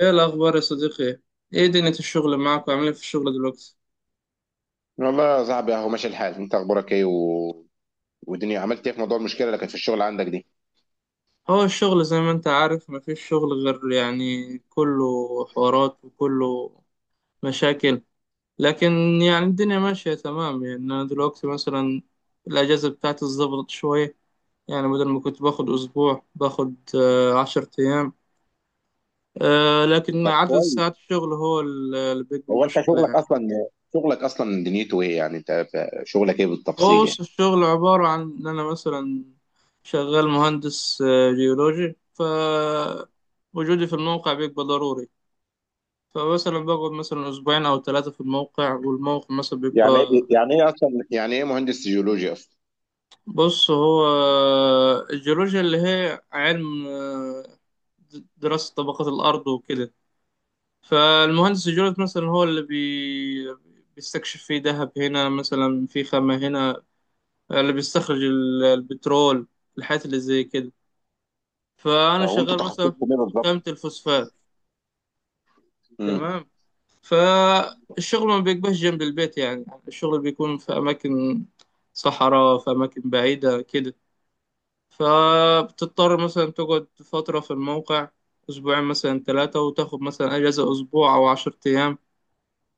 ايه الاخبار يا صديقي؟ ايه دنيا الشغل معاك، وعامل ايه في الشغل دلوقتي؟ والله يا صاحبي اهو ماشي الحال، انت اخبارك ايه و... والدنيا عملت ايه في موضوع المشكله اللي كانت في الشغل عندك دي؟ هو الشغل زي ما انت عارف مفيش شغل غير كله حوارات وكله مشاكل، لكن الدنيا ماشية تمام. يعني انا دلوقتي مثلا الاجازة بتاعتي اتظبطت شوية، يعني بدل ما كنت باخد اسبوع باخد 10 ايام. لكن طب عدد ساعات كويس. الشغل هو اللي بيبقى هو انت مشكلة شغلك يعني. اصلا، دنيته ايه؟ يعني انت شغلك ايه هو بالتفصيل يعني؟ بص، الشغل عبارة عن إن أنا مثلا شغال مهندس جيولوجي، فوجودي في الموقع بيبقى ضروري. فمثلا بقعد مثلا أسبوعين أو ثلاثة في الموقع، والموقع مثلا يعني ايه بيبقى. يعني ايه اصلا يعني ايه مهندس جيولوجيا اصلا؟ بص، هو الجيولوجيا اللي هي علم دراسة طبقات الأرض وكده. فالمهندس الجيولوجي مثلا هو اللي بيستكشف فيه ذهب هنا، مثلا في خامة هنا، اللي بيستخرج البترول، الحاجات اللي زي كده. فانا وانتوا شغال مثلا تخصصكم ايه في خامة بالظبط؟ الفوسفات. امم. تمام. فالشغل ما بيبقاش جنب البيت، يعني الشغل بيكون في اماكن صحراء، في اماكن بعيدة كده. فبتضطر مثلا تقعد فترة في الموقع، اسبوعين مثلا ثلاثة، وتاخد مثلا اجازة اسبوع او 10 ايام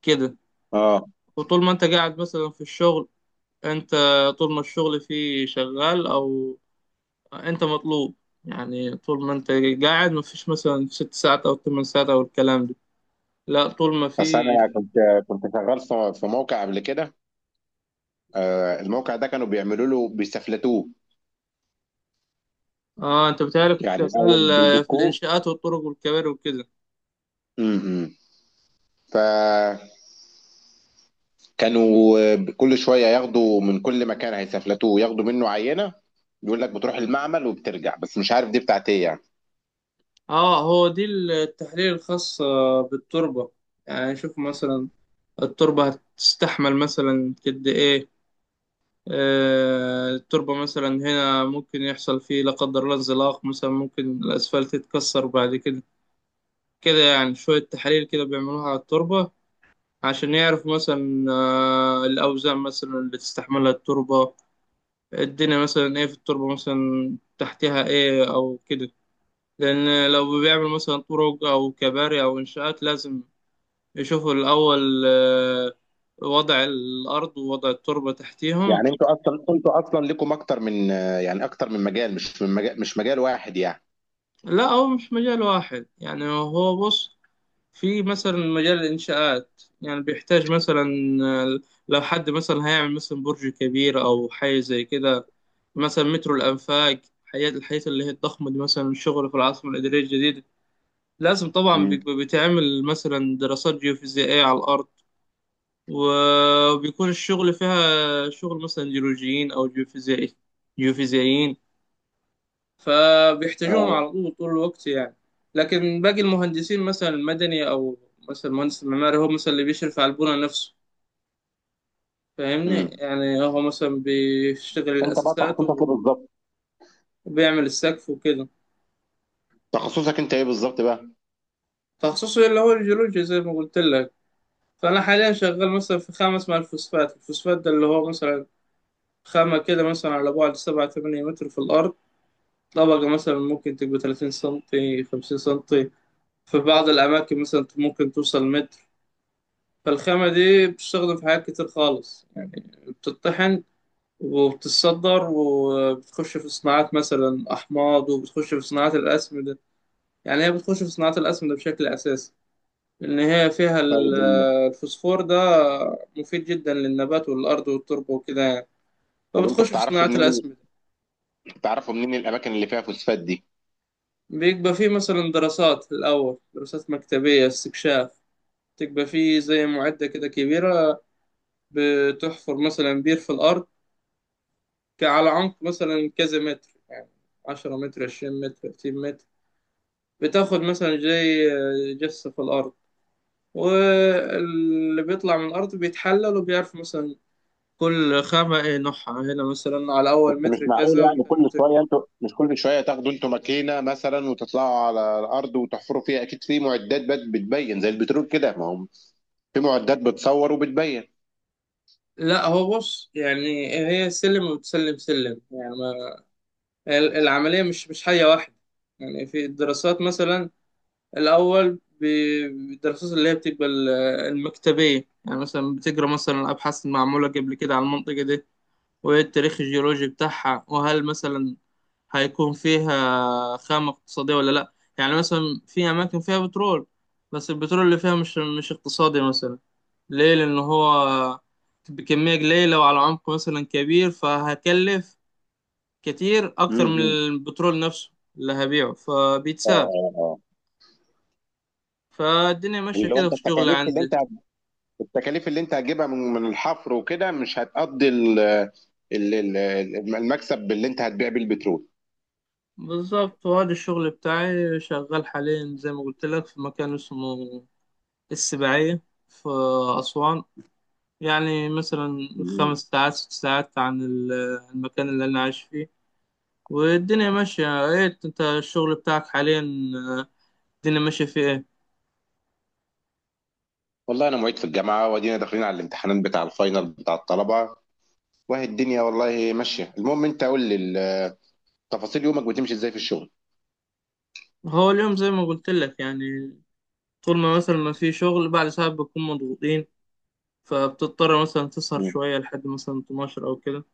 كده. اه وطول ما انت قاعد مثلا في الشغل، انت طول ما الشغل فيه شغال، او انت مطلوب، يعني طول ما انت قاعد مفيش مثلا 6 ساعات او 8 ساعات او الكلام ده، لا طول ما بس انا فيش. كنت شغال في موقع قبل كده. الموقع ده كانوا بيعملوا له، بيستفلتوه، اه، انت بتهيألي كنت يعني الاول شغال في بيدقوه. الانشاءات والطرق والكباري وكده. امم. ف كانوا كل شويه ياخدوا من كل مكان هيسافلتوه، ياخدوا منه عينه. يقول لك بتروح المعمل وبترجع، بس مش عارف دي بتاعت ايه يعني. اه، هو دي التحليل الخاص بالتربة. يعني شوف مثلا التربة هتستحمل مثلا قد ايه، آه التربة مثلا هنا ممكن يحصل فيه لا قدر الله انزلاق، مثلا ممكن الاسفلت يتكسر بعد كده كده. يعني شوية تحاليل كده بيعملوها على التربة عشان يعرفوا مثلا آه الأوزان مثلا اللي تستحملها التربة، الدنيا مثلا ايه في التربة، مثلا تحتها ايه او كده. لان لو بيعمل مثلا طرق او كباري او انشاءات، لازم يشوفوا الاول وضع الارض ووضع التربة تحتيهم. يعني انتوا اصلا ليكم اكتر من يعني اكتر من مجال، مش مجال واحد يعني. لا، هو مش مجال واحد يعني. هو بص، في مثلا مجال الانشاءات يعني بيحتاج مثلا آه، لو حد مثلا هيعمل مثلا برج كبير او حاجة زي كده، مثلا مترو الانفاق، الحاجات اللي هي الضخمة دي، مثلا الشغل في العاصمة الإدارية الجديدة، لازم طبعا مم. بيبقى بيتعمل مثلا دراسات جيوفيزيائية على الأرض، وبيكون الشغل فيها شغل مثلا جيولوجيين أو جيوفيزيائيين، فبيحتاجوهم على اه. طول طول الوقت يعني. لكن باقي المهندسين مثلا المدني، أو مثلا المهندس المعماري هو مثلا اللي بيشرف على البنى نفسه، فاهمني؟ امم. يعني هو مثلا بيشتغل انت بقى الأساسات تخصصك ايه بالظبط؟ وبيعمل السقف وكده. تخصصك انت ايه بالظبط بقى؟ تخصصه اللي هو الجيولوجيا زي ما قلت لك. فأنا حاليا شغال مثلا في خامة اسمها الفوسفات. الفوسفات ده اللي هو مثلا خامة كده مثلا على بعد 7 8 متر في الأرض، طبقة مثلا ممكن تبقى 30 سنتي 50 سنتي، في بعض الأماكن مثلا ممكن توصل متر. فالخامة دي بتستخدم في حاجات كتير خالص يعني، بتطحن وبتتصدر، وبتخش في صناعات مثلا أحماض، وبتخش في صناعات الأسمدة. يعني هي بتخش في صناعات الأسمدة بشكل أساسي، لأن هي فيها طيب ال- الفوسفور ده مفيد جدا للنبات والأرض والتربة وكده يعني، طب انتوا فبتخش في بتعرفوا صناعات منين، الأسمدة. بتعرفوا منين الاماكن اللي فيها فوسفات دي؟ بيبقى فيه مثلا دراسات، الأول دراسات مكتبية، استكشاف، تبقى فيه زي معدة كده كبيرة بتحفر مثلا بير في الأرض، على عمق مثلا كذا متر يعني، 10 متر 20 متر 30 متر، بتاخد مثلا زي جثة في الأرض، واللي بيطلع من الأرض بيتحلل، وبيعرف مثلا كل خامة ايه نوعها هنا، مثلا على بس أول مش متر معقول كذا يعني وتاني كل متر كذا. شويه، انتوا مش كل شويه تاخدوا انتوا ماكينه مثلا وتطلعوا على الارض وتحفروا فيها. اكيد في معدات بتبين زي البترول كده. ما هو في معدات بتصور وبتبين. لا، هو بص، يعني هي سلم وتسلم سلم يعني، العملية مش حاجة واحدة. يعني في الدراسات مثلا الأول بالدراسات اللي هي بتبقى المكتبية، يعني مثلا بتقرا مثلا أبحاث معمولة قبل كده على المنطقة دي، وإيه التاريخ الجيولوجي بتاعها، وهل مثلا هيكون فيها خامة اقتصادية ولا لأ. يعني مثلا في أماكن فيها بترول، بس البترول اللي فيها مش اقتصادي مثلا، ليه؟ لأن هو بكمية قليلة وعلى عمق مثلا كبير، فهكلف كتير أكتر من امم. البترول نفسه اللي هبيعه، اه فبيتساب. اه اه. فالدنيا ماشية اللي هو كده انت في الشغل التكاليف اللي عندي. انت، التكاليف اللي انت هتجيبها من من الحفر وكده مش هتقضي ال- ال- المكسب اللي انت هتبيع بيه البترول. بالظبط، وهذا الشغل بتاعي شغال حاليا زي ما قلت لك في مكان اسمه السباعية في أسوان، يعني مثلا خمس مم. ساعات ست ساعات عن المكان اللي أنا عايش فيه. والدنيا ماشية. إيه أنت الشغل بتاعك حاليا، آه، الدنيا ماشية فيه إيه؟ والله انا معيد في الجامعه وادينا داخلين على الامتحانات بتاع الفاينل بتاع الطلبه وهي الدنيا والله ماشيه. المهم انت قول لي تفاصيل يومك بتمشي ازاي في الشغل. هو اليوم زي ما قلت لك يعني، طول ما مثلا ما في شغل بعد ساعات بنكون مضغوطين، فبتضطر مثلا تسهر مم. شوية لحد مثلا 12 أو كده.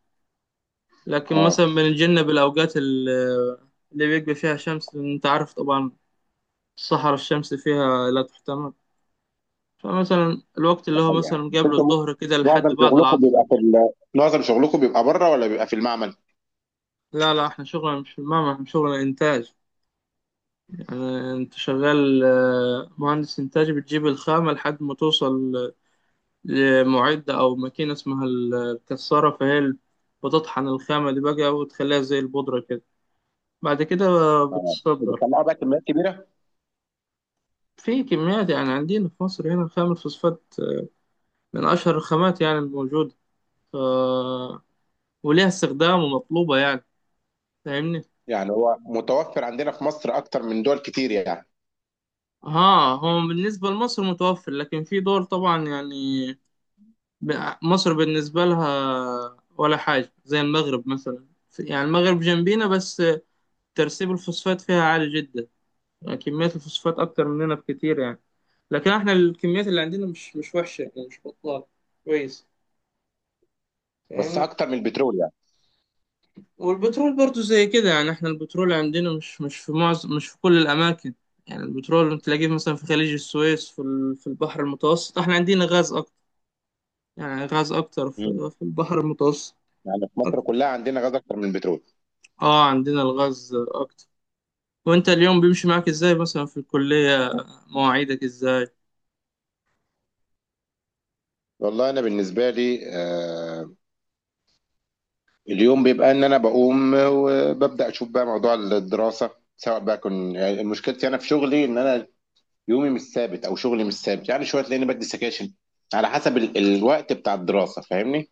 لكن اه. مثلا بنتجنب الأوقات اللي بيبقى فيها شمس، لأن أنت عارف طبعا الصحراء الشمس فيها لا تحتمل، فمثلا الوقت ده اللي هو حقيقة مثلا يعني. بس قبل انتوا الظهر كده لحد معظم بعد شغلكم العصر. بيبقى في ال... معظم شغلكم بيبقى بره ولا بيبقى في المعمل؟ لا لا، احنا شغلنا مش في المعمل، احنا شغلنا إنتاج. يعني أنت شغال مهندس إنتاج، بتجيب الخامة لحد ما توصل لمعدة أو ماكينة اسمها الكسارة، فهي بتطحن الخامة دي بقى وتخليها زي البودرة كده. بعد كده اه بتصدر بتطلعوا بقى كميات كبيرة؟ في كميات. يعني عندنا في مصر هنا خام الفوسفات من أشهر الخامات يعني الموجودة، ف... وليها استخدام ومطلوبة يعني، فاهمني؟ يعني هو متوفر عندنا في مصر أكتر من دول كتير يعني؟ ها، هو بالنسبة لمصر متوفر، لكن في دول طبعا يعني مصر بالنسبة لها ولا حاجة، زي المغرب مثلا، يعني المغرب جنبينا بس، ترسيب الفوسفات فيها عالي جدا، يعني كميات الفوسفات أكتر مننا بكتير يعني. لكن احنا الكميات اللي عندنا مش وحشة، يعني مش بطالة، كويس، بس فاهمني؟ أكتر من البترول يعني؟ والبترول برضو زي كده يعني، احنا البترول عندنا مش، مش في معظم مش في كل الأماكن. يعني البترول تلاقيه مثلا في خليج السويس، في في البحر المتوسط احنا عندنا غاز أكتر. يعني غاز أكتر مم. في البحر المتوسط يعني في مصر أكتر. كلها عندنا غاز أكتر من البترول. اه، عندنا الغاز أكتر. وانت اليوم بيمشي معاك ازاي مثلا في الكلية، مواعيدك ازاي؟ والله أنا بالنسبة لي آه، اليوم بيبقى إن أنا بقوم وببدأ أشوف بقى موضوع الدراسة. سواء بقى كن يعني مشكلتي أنا في شغلي إن أنا يومي مش ثابت او شغلي مش ثابت، يعني شويه تلاقيني بدي سكاشن على حسب ال... الوقت بتاع الدراسه. فاهمني؟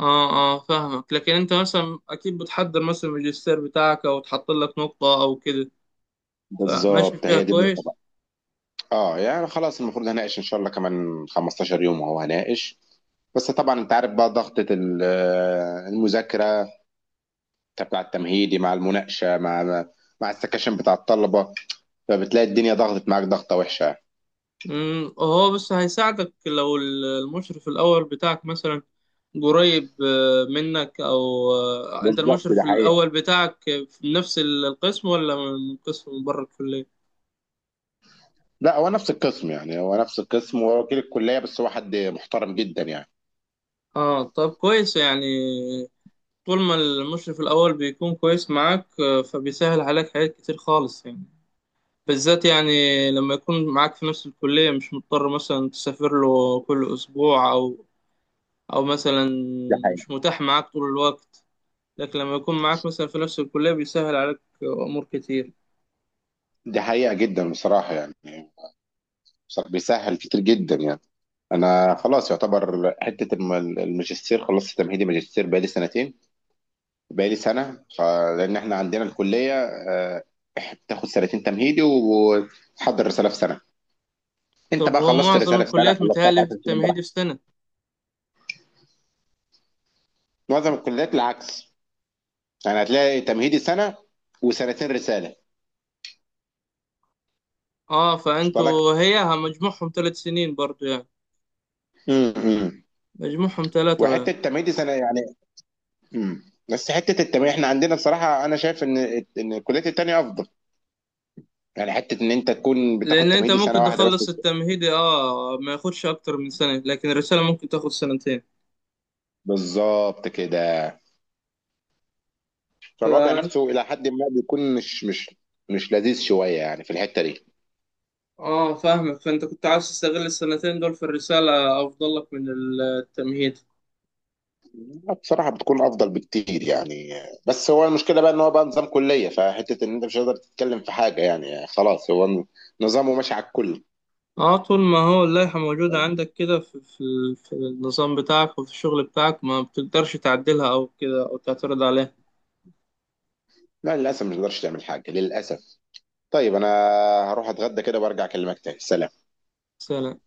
اه، اه، فاهمك. لكن انت مثلا اكيد بتحضر مثلا الماجستير بتاعك، او تحط لك نقطة او كده، فماشي بالظبط فيها هي دي النقطه كويس. بقى. اه يعني خلاص، المفروض هناقش ان شاء الله كمان 15 يوم وهو هناقش. بس طبعا انت عارف بقى ضغطة المذاكرة بتاع التمهيدي مع المناقشة مع السكاشن بتاع الطلبة، فبتلاقي الدنيا ضغطت معاك ضغطة وحشة. امم، هو بس هيساعدك لو المشرف الأول بتاعك مثلا قريب منك. أو أنت بالظبط، ده المشرف حقيقة. الأول بتاعك في نفس القسم، ولا من قسم من بره الكلية؟ لا هو نفس القسم، يعني هو نفس القسم، هو وكيل الكلية بس هو حد محترم جدا يعني. اه، طب كويس يعني، طول ما المشرف الأول بيكون كويس معاك فبيسهل عليك حاجات كتير خالص يعني، بالذات يعني لما يكون معاك في نفس الكلية، مش مضطر مثلا تسافر له كل أسبوع، أو أو مثلا دي حقيقة. مش متاح معاك طول الوقت. لكن لما يكون معاك مثلا في نفس الكلية بيسهل عليك أمور كتير. دي حقيقة جدا بصراحة يعني. صح، بيسهل كتير جدا يعني. انا خلاص يعتبر حته الماجستير، خلصت تمهيدي ماجستير بقالي سنتين، بقالي سنه لان احنا عندنا الكليه آه، بتاخد سنتين تمهيدي وتحضر رساله في سنه. انت طب بقى هو خلصت معظم الرساله في سنه، الكليات خلصتها في متهيألي في 10 سنين التمهيدي براحتك. في سنة. معظم الكليات العكس، يعني هتلاقي تمهيدي سنه وسنتين رساله. اه، وصل لك؟ فانتوا هي مجموعهم 3 سنين برضو يعني، امم. مجموعهم ثلاثة يعني. وحته تمهيدي سنه يعني. امم. بس حته التمهيدي احنا عندنا بصراحه انا شايف ان ان الكليات التانيه افضل، يعني حته ان انت تكون بتاخد لأن أنت تمهيدي ممكن سنه واحده بس. تخلص التمهيدي، اه، ما ياخدش أكتر من سنة، لكن الرسالة ممكن تاخد سنتين. بالظبط كده. فالوضع فأنت، نفسه الى حد ما بيكون مش لذيذ شويه يعني في الحته دي. اه فاهمك، فأنت كنت عاوز تستغل السنتين دول في الرسالة أفضل لك من التمهيد. لا، بصراحه بتكون افضل بكتير يعني. بس هو المشكله بقى ان هو بقى نظام كليه، فحته ان انت مش هتقدر تتكلم في حاجه، يعني خلاص هو نظامه ماشي على الكل. اه، طول ما هو اللائحة موجودة عندك كده في النظام بتاعك وفي الشغل بتاعك، ما بتقدرش تعدلها أو كده أو تعترض عليها. لا للاسف مش تقدرش تعمل حاجه للاسف. طيب انا هروح اتغدى كده وارجع اكلمك تاني. سلام. سلام.